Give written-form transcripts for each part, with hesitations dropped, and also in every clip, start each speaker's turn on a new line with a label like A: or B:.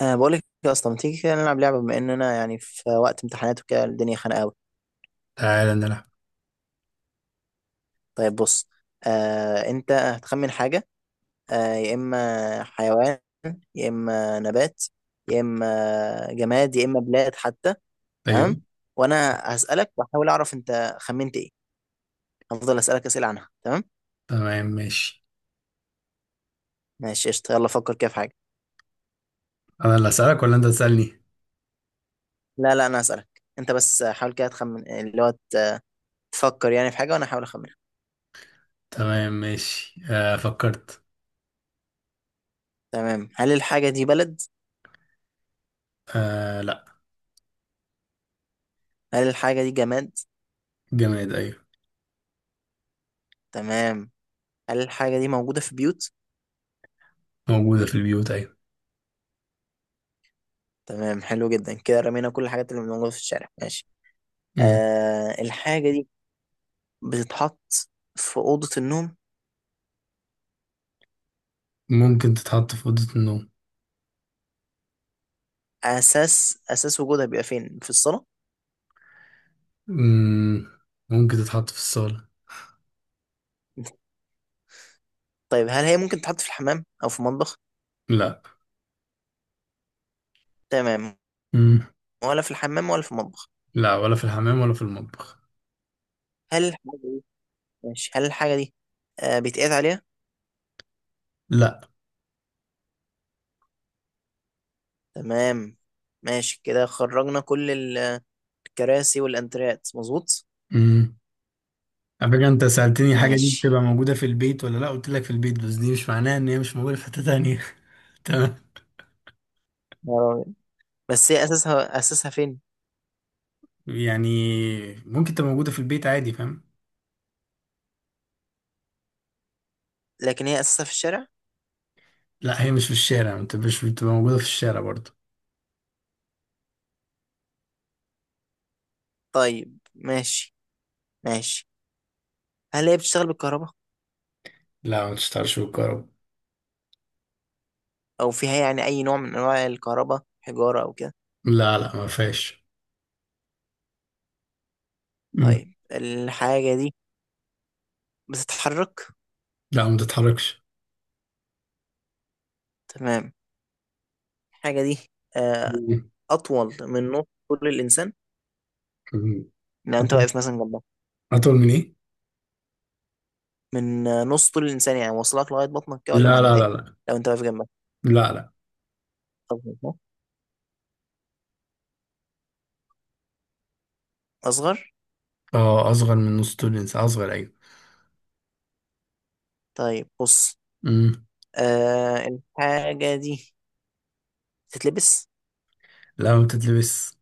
A: أه، بقول لك يا اسطى، ما تيجي كده نلعب لعبه؟ بما ان انا يعني في وقت امتحانات وكده الدنيا خانقه قوي.
B: تعالى نلعب.
A: طيب بص. أه، انت هتخمن حاجه، أه يا اما حيوان، يا اما نبات، يا اما جماد، يا اما بلاد حتى. تمام.
B: ايوه
A: وانا هسالك واحاول اعرف انت خمنت ايه. هفضل اسالك اسئله عنها. تمام
B: تمام ماشي.
A: ماشي قشطه، يلا فكر كده في حاجه.
B: انا اللي اسالك ولا انت تسالني؟
A: لا لا، انا هسالك انت، بس حاول كده تخمن اللي هو تفكر يعني في حاجه وانا احاول اخمنها.
B: تمام ماشي، فكرت.
A: تمام. هل الحاجه دي بلد؟
B: آه لا.
A: هل الحاجه دي جماد؟
B: جماد ايوه.
A: تمام. هل الحاجة دي موجودة في بيوت؟
B: موجوده في البيوت ايوه.
A: تمام، حلو جدا، كده رمينا كل الحاجات اللي موجودة في الشارع. ماشي.
B: مم.
A: آه، الحاجة دي بتتحط في أوضة النوم؟
B: ممكن تتحط في اوضه النوم.
A: أساس أساس وجودها بيبقى فين؟ في الصالة؟
B: مم. ممكن تتحط في الصاله.
A: طيب، هل هي ممكن تتحط في الحمام أو في المطبخ؟
B: لا.
A: تمام.
B: مم.
A: ولا في الحمام ولا في المطبخ.
B: لا ولا في الحمام ولا في المطبخ.
A: هل الحاجة دي، ماشي، هل الحاجة دي بيتقعد عليها؟
B: لا.
A: تمام. ماشي كده، خرجنا كل الكراسي والأنتريات، مظبوط؟
B: مم. على فكره، انت سالتني حاجه دي بتبقى
A: ماشي.
B: موجوده في البيت ولا لا، قلت لك في البيت، بس دي مش معناها ان هي مش موجوده في حته تانية. تمام.
A: بس هي أساسها، أساسها فين؟
B: يعني ممكن تبقى موجوده في البيت عادي، فاهم.
A: لكن هي أساسها في الشارع؟
B: لا هي مش في الشارع، ما بتبقاش بتبقى موجودة في الشارع برضه.
A: طيب ماشي. ماشي. هل هي بتشتغل بالكهرباء
B: لا ما تشتغلش بالكهرباء.
A: او فيها يعني اي نوع من انواع الكهرباء، حجارة او كده؟
B: لا لا ما فيهاش. مم.
A: طيب، الحاجة دي بتتحرك؟
B: لا ما تتحركش.
A: تمام. الحاجة دي آه،
B: مم.
A: اطول من نص طول الانسان؟
B: مم.
A: لو انت
B: أطول.
A: واقف مثلا جنبها،
B: أطول من إيه؟
A: من نص طول الانسان يعني واصلك لغاية بطنك كده ولا
B: لا لا لا
A: معدية؟
B: لا.
A: لو انت واقف جنبها،
B: لا لا.
A: أصغر؟ أصغر؟
B: اه أصغر من نص طول الإنسان، أصغر أيوة.
A: طيب بص،
B: مم.
A: الحاجة دي تتلبس؟
B: لا ما بتتلبس.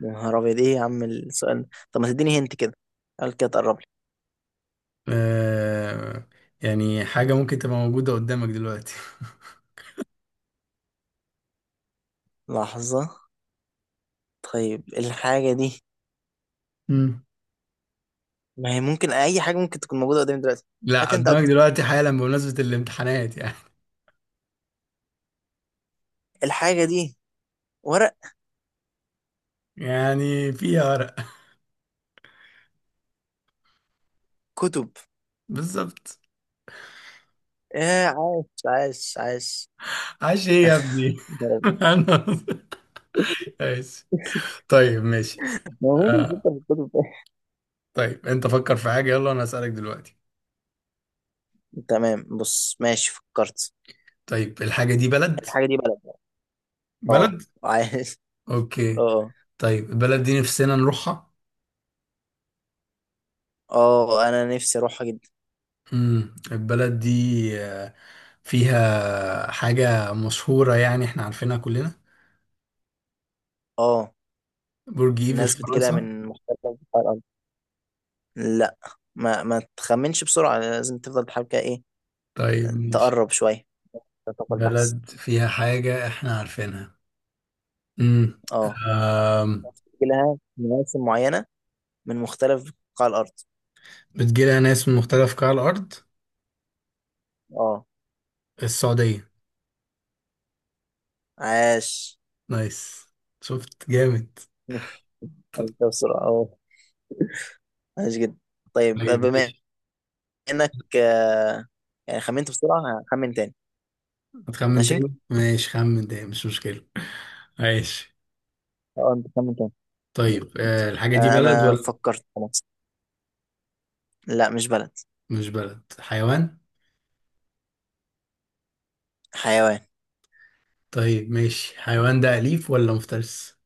A: يا نهار أبيض، إيه يا عم السؤال ده؟ طب ما تديني هنت كده، قال كده تقرب لي.
B: آه يعني حاجة ممكن تبقى موجودة قدامك دلوقتي.
A: لحظة. طيب الحاجة دي،
B: مم.
A: ما هي ممكن أي حاجة ممكن تكون موجودة قدامي دلوقتي.
B: لا
A: هات أنت
B: قدامك
A: أكتر.
B: دلوقتي حالا، بمناسبة الامتحانات يعني.
A: الحاجة دي ورق؟
B: يعني فيها ورق.
A: كتب؟
B: بالظبط.
A: إيه عاش عاش عاش،
B: عاش ايه يا ابني؟
A: ضرب.
B: انا ماشي. طيب ماشي.
A: هو مين اللي
B: آه
A: بيفكر في الكتب ده؟
B: طيب انت فكر في حاجة، يلا انا هسألك دلوقتي.
A: تمام بص ماشي فكرت.
B: طيب الحاجة دي بلد؟
A: الحاجة دي بلد. اه،
B: بلد.
A: عايز.
B: اوكي.
A: اه.
B: طيب البلد دي نفسنا نروحها؟
A: اه، انا نفسي اروحها جدا.
B: البلد دي آه، فيها حاجة مشهورة يعني احنا عارفينها كلنا؟
A: اه،
B: برج ايفل
A: الناس
B: في
A: بتجيلها
B: فرنسا؟
A: من مختلف انحاء الارض. لا، ما تخمنش بسرعة، لازم تفضل تحاول كده ايه.
B: طيب ماشي.
A: تقرب شوية. تتوقع البحث.
B: بلد فيها حاجة احنا عارفينها؟ امم.
A: اه،
B: أم،
A: بتجيلها مواسم معينة من مختلف بقاع الأرض.
B: بتجيلها ناس من مختلف قطاع الأرض؟
A: اه،
B: السعودية؟
A: عاش.
B: نايس. شفت جامد.
A: عرفتها بسرعة، اه. عاش جدا. طيب
B: طيب
A: بما إنك يعني خمنت بسرعة، هخمن تاني.
B: هتخمن
A: ماشي.
B: تاني؟ ماشي خمن تاني، مش مشكلة. ماشي.
A: اه أنت خمن تاني. ماشي.
B: طيب آه الحاجة دي بلد
A: أنا
B: ولا؟
A: فكرت خلاص. لا مش بلد.
B: مش بلد، حيوان؟
A: حيوان.
B: طيب ماشي، حيوان ده أليف ولا مفترس؟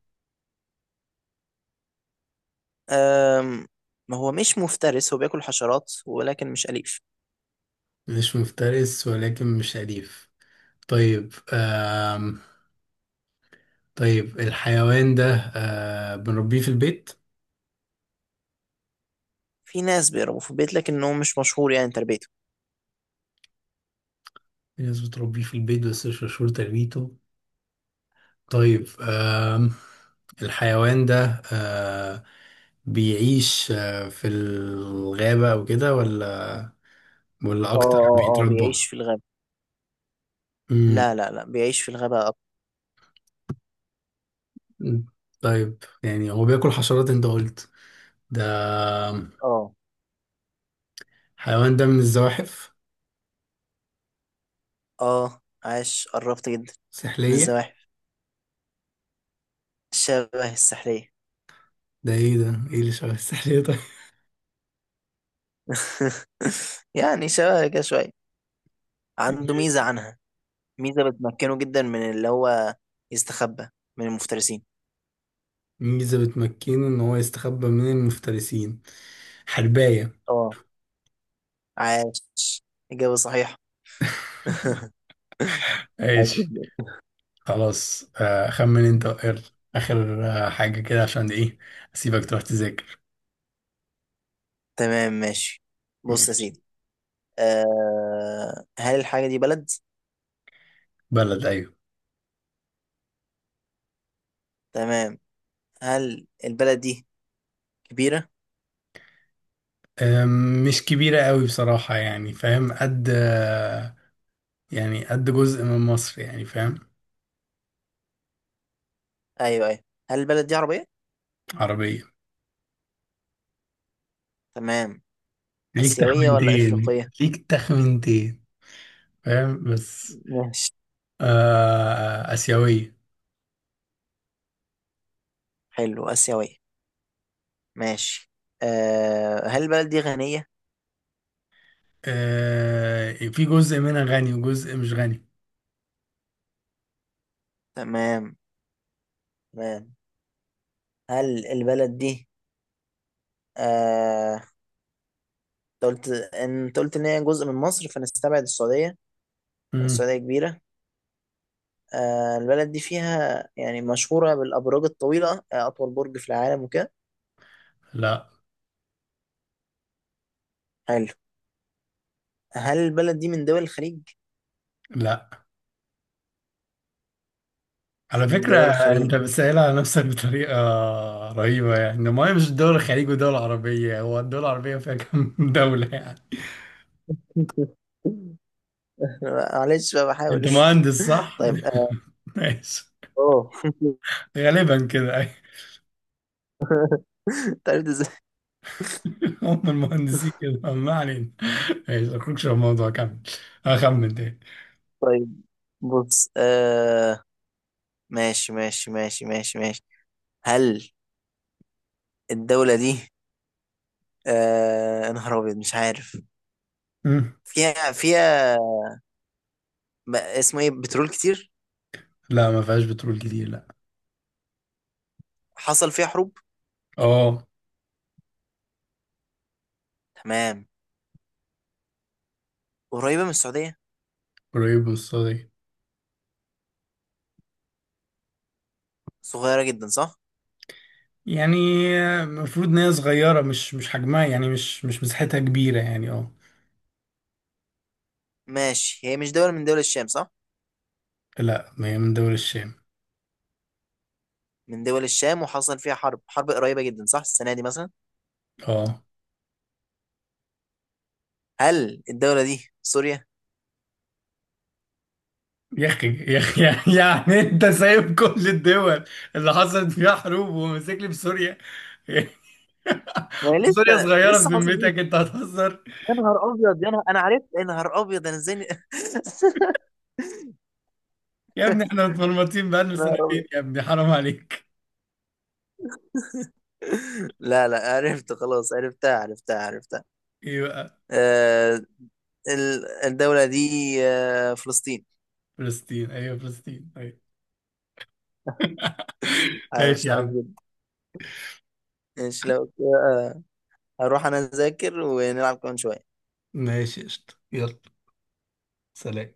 A: أم... هو مش مفترس، هو بياكل حشرات ولكن مش أليف.
B: مش مفترس ولكن مش أليف. طيب آم. طيب الحيوان ده بنربيه في البيت؟
A: في ناس بيربوا في البيت لكن هو مش مشهور يعني تربيته.
B: في ناس بتربيه في البيت بس مش مشهور تربيته. طيب آم. الحيوان ده بيعيش في الغابة أو كده، ولا ولا
A: اه
B: أكتر
A: اه اه،
B: بيتربى؟
A: بيعيش في الغابة. لا
B: امم.
A: لا لا، بيعيش في الغابة أكتر.
B: طيب يعني هو بياكل حشرات انت قلت، ده
A: اه.
B: حيوان ده من الزواحف؟
A: اه، عاش، قربت جدا. من
B: سحلية؟
A: الزواحف. شبه السحرية.
B: ده ايه ده؟ ايه اللي شبه السحلية؟ طيب.
A: يعني شبه كده شوية، عنده ميزة عنها، ميزة بتمكنه جدا من اللي هو يستخبى من المفترسين.
B: ميزة بتمكنه ان هو يستخبى من المفترسين. حرباية؟
A: اه عاش، إجابة صحيحة. عاش
B: ماشي.
A: جدا.
B: خلاص خمن انت اخر اخر حاجة كده عشان ايه، اسيبك تروح تذاكر.
A: تمام ماشي، بص يا
B: ماشي.
A: سيدي. أه، هل الحاجة دي بلد؟
B: بلد ايوه.
A: تمام. هل البلد دي كبيرة؟
B: مش كبيرة قوي بصراحة يعني فاهم، قد يعني قد جزء من مصر يعني فاهم.
A: أيوه أيوه. هل البلد دي عربية؟
B: عربية.
A: تمام.
B: ليك
A: آسيوية ولا
B: تخمنتين.
A: إفريقية؟
B: ليك تخمنتين، فاهم بس.
A: ماشي.
B: آه آسيوية.
A: حلو، آسيوية. ماشي. آه، هل البلد دي غنية؟
B: آه في جزء منها غني وجزء مش غني.
A: تمام. تمام. هل البلد دي، آه، انت قلت ان هي جزء من مصر، فنستبعد السعودية.
B: مم.
A: السعودية كبيرة. آه، البلد دي فيها يعني مشهورة بالأبراج الطويلة، آه أطول برج في العالم وكده.
B: لا
A: حلو. هل البلد دي من دول الخليج؟
B: لا. على
A: مش من
B: فكرة،
A: دول
B: أنت
A: الخليج.
B: بتسأل على نفسك بطريقة رهيبة يعني. ما هي مش دول الخليج ودول العربية، هو الدول العربية فيها كم دولة يعني.
A: معلش بقى
B: أنت
A: بحاول.
B: مهندس صح؟
A: طيب اه.
B: ماشي.
A: أوه.
B: غالبا كده أيوة.
A: طيب ازاي؟
B: هم المهندسين كده، ما علينا. ماشي أخرجش في الموضوع، كمل. أخمن
A: طيب بص ماشي ماشي ماشي ماشي ماشي. هل الدولة دي، يا نهار أبيض مش عارف.
B: تاني.
A: فيها فيها اسمه إيه بترول كتير؟
B: لا ما فيهاش بترول كتير، لا.
A: حصل فيها حروب؟
B: اه.
A: تمام. قريبة من السعودية.
B: قريب من الصاج.
A: صغيرة جدا، صح؟
B: يعني المفروض ان هي صغيره، مش حجمها يعني مش مساحتها كبيره يعني اه.
A: ماشي، هي مش دولة من دول الشام صح؟
B: لا ما هي من دول الشام.
A: من دول الشام، وحصل فيها حرب حرب قريبة جدا صح، السنة دي مثلا.
B: اه.
A: هل الدولة دي سوريا؟
B: يا اخي، يا اخي. يعني انت سايب كل الدول اللي حصلت فيها حروب وماسك لي بسوريا؟
A: ما هي لسه
B: وسوريا صغيره
A: لسه حصل دي.
B: بذمتك، انت هتهزر؟
A: يا نهار أبيض، يا نهار، أنا عرفت، يا نهار أبيض أنا إزاي يا
B: يا ابني احنا متمرمطين بقالنا
A: نهار
B: سنتين
A: أبيض.
B: يا ابني، حرام عليك.
A: لا لا عرفت خلاص، عرفتها عرفتها عرفتها.
B: ايه بقى؟
A: آه، الدولة دي فلسطين.
B: فلسطين ايوه، فلسطين ايوه.
A: عايش
B: ماشي يا
A: عايش
B: عم.
A: جدا. ماشي لو كده، هروح أنا أذاكر ونلعب كمان شوية.
B: ماشي قشطة، يلا سلام.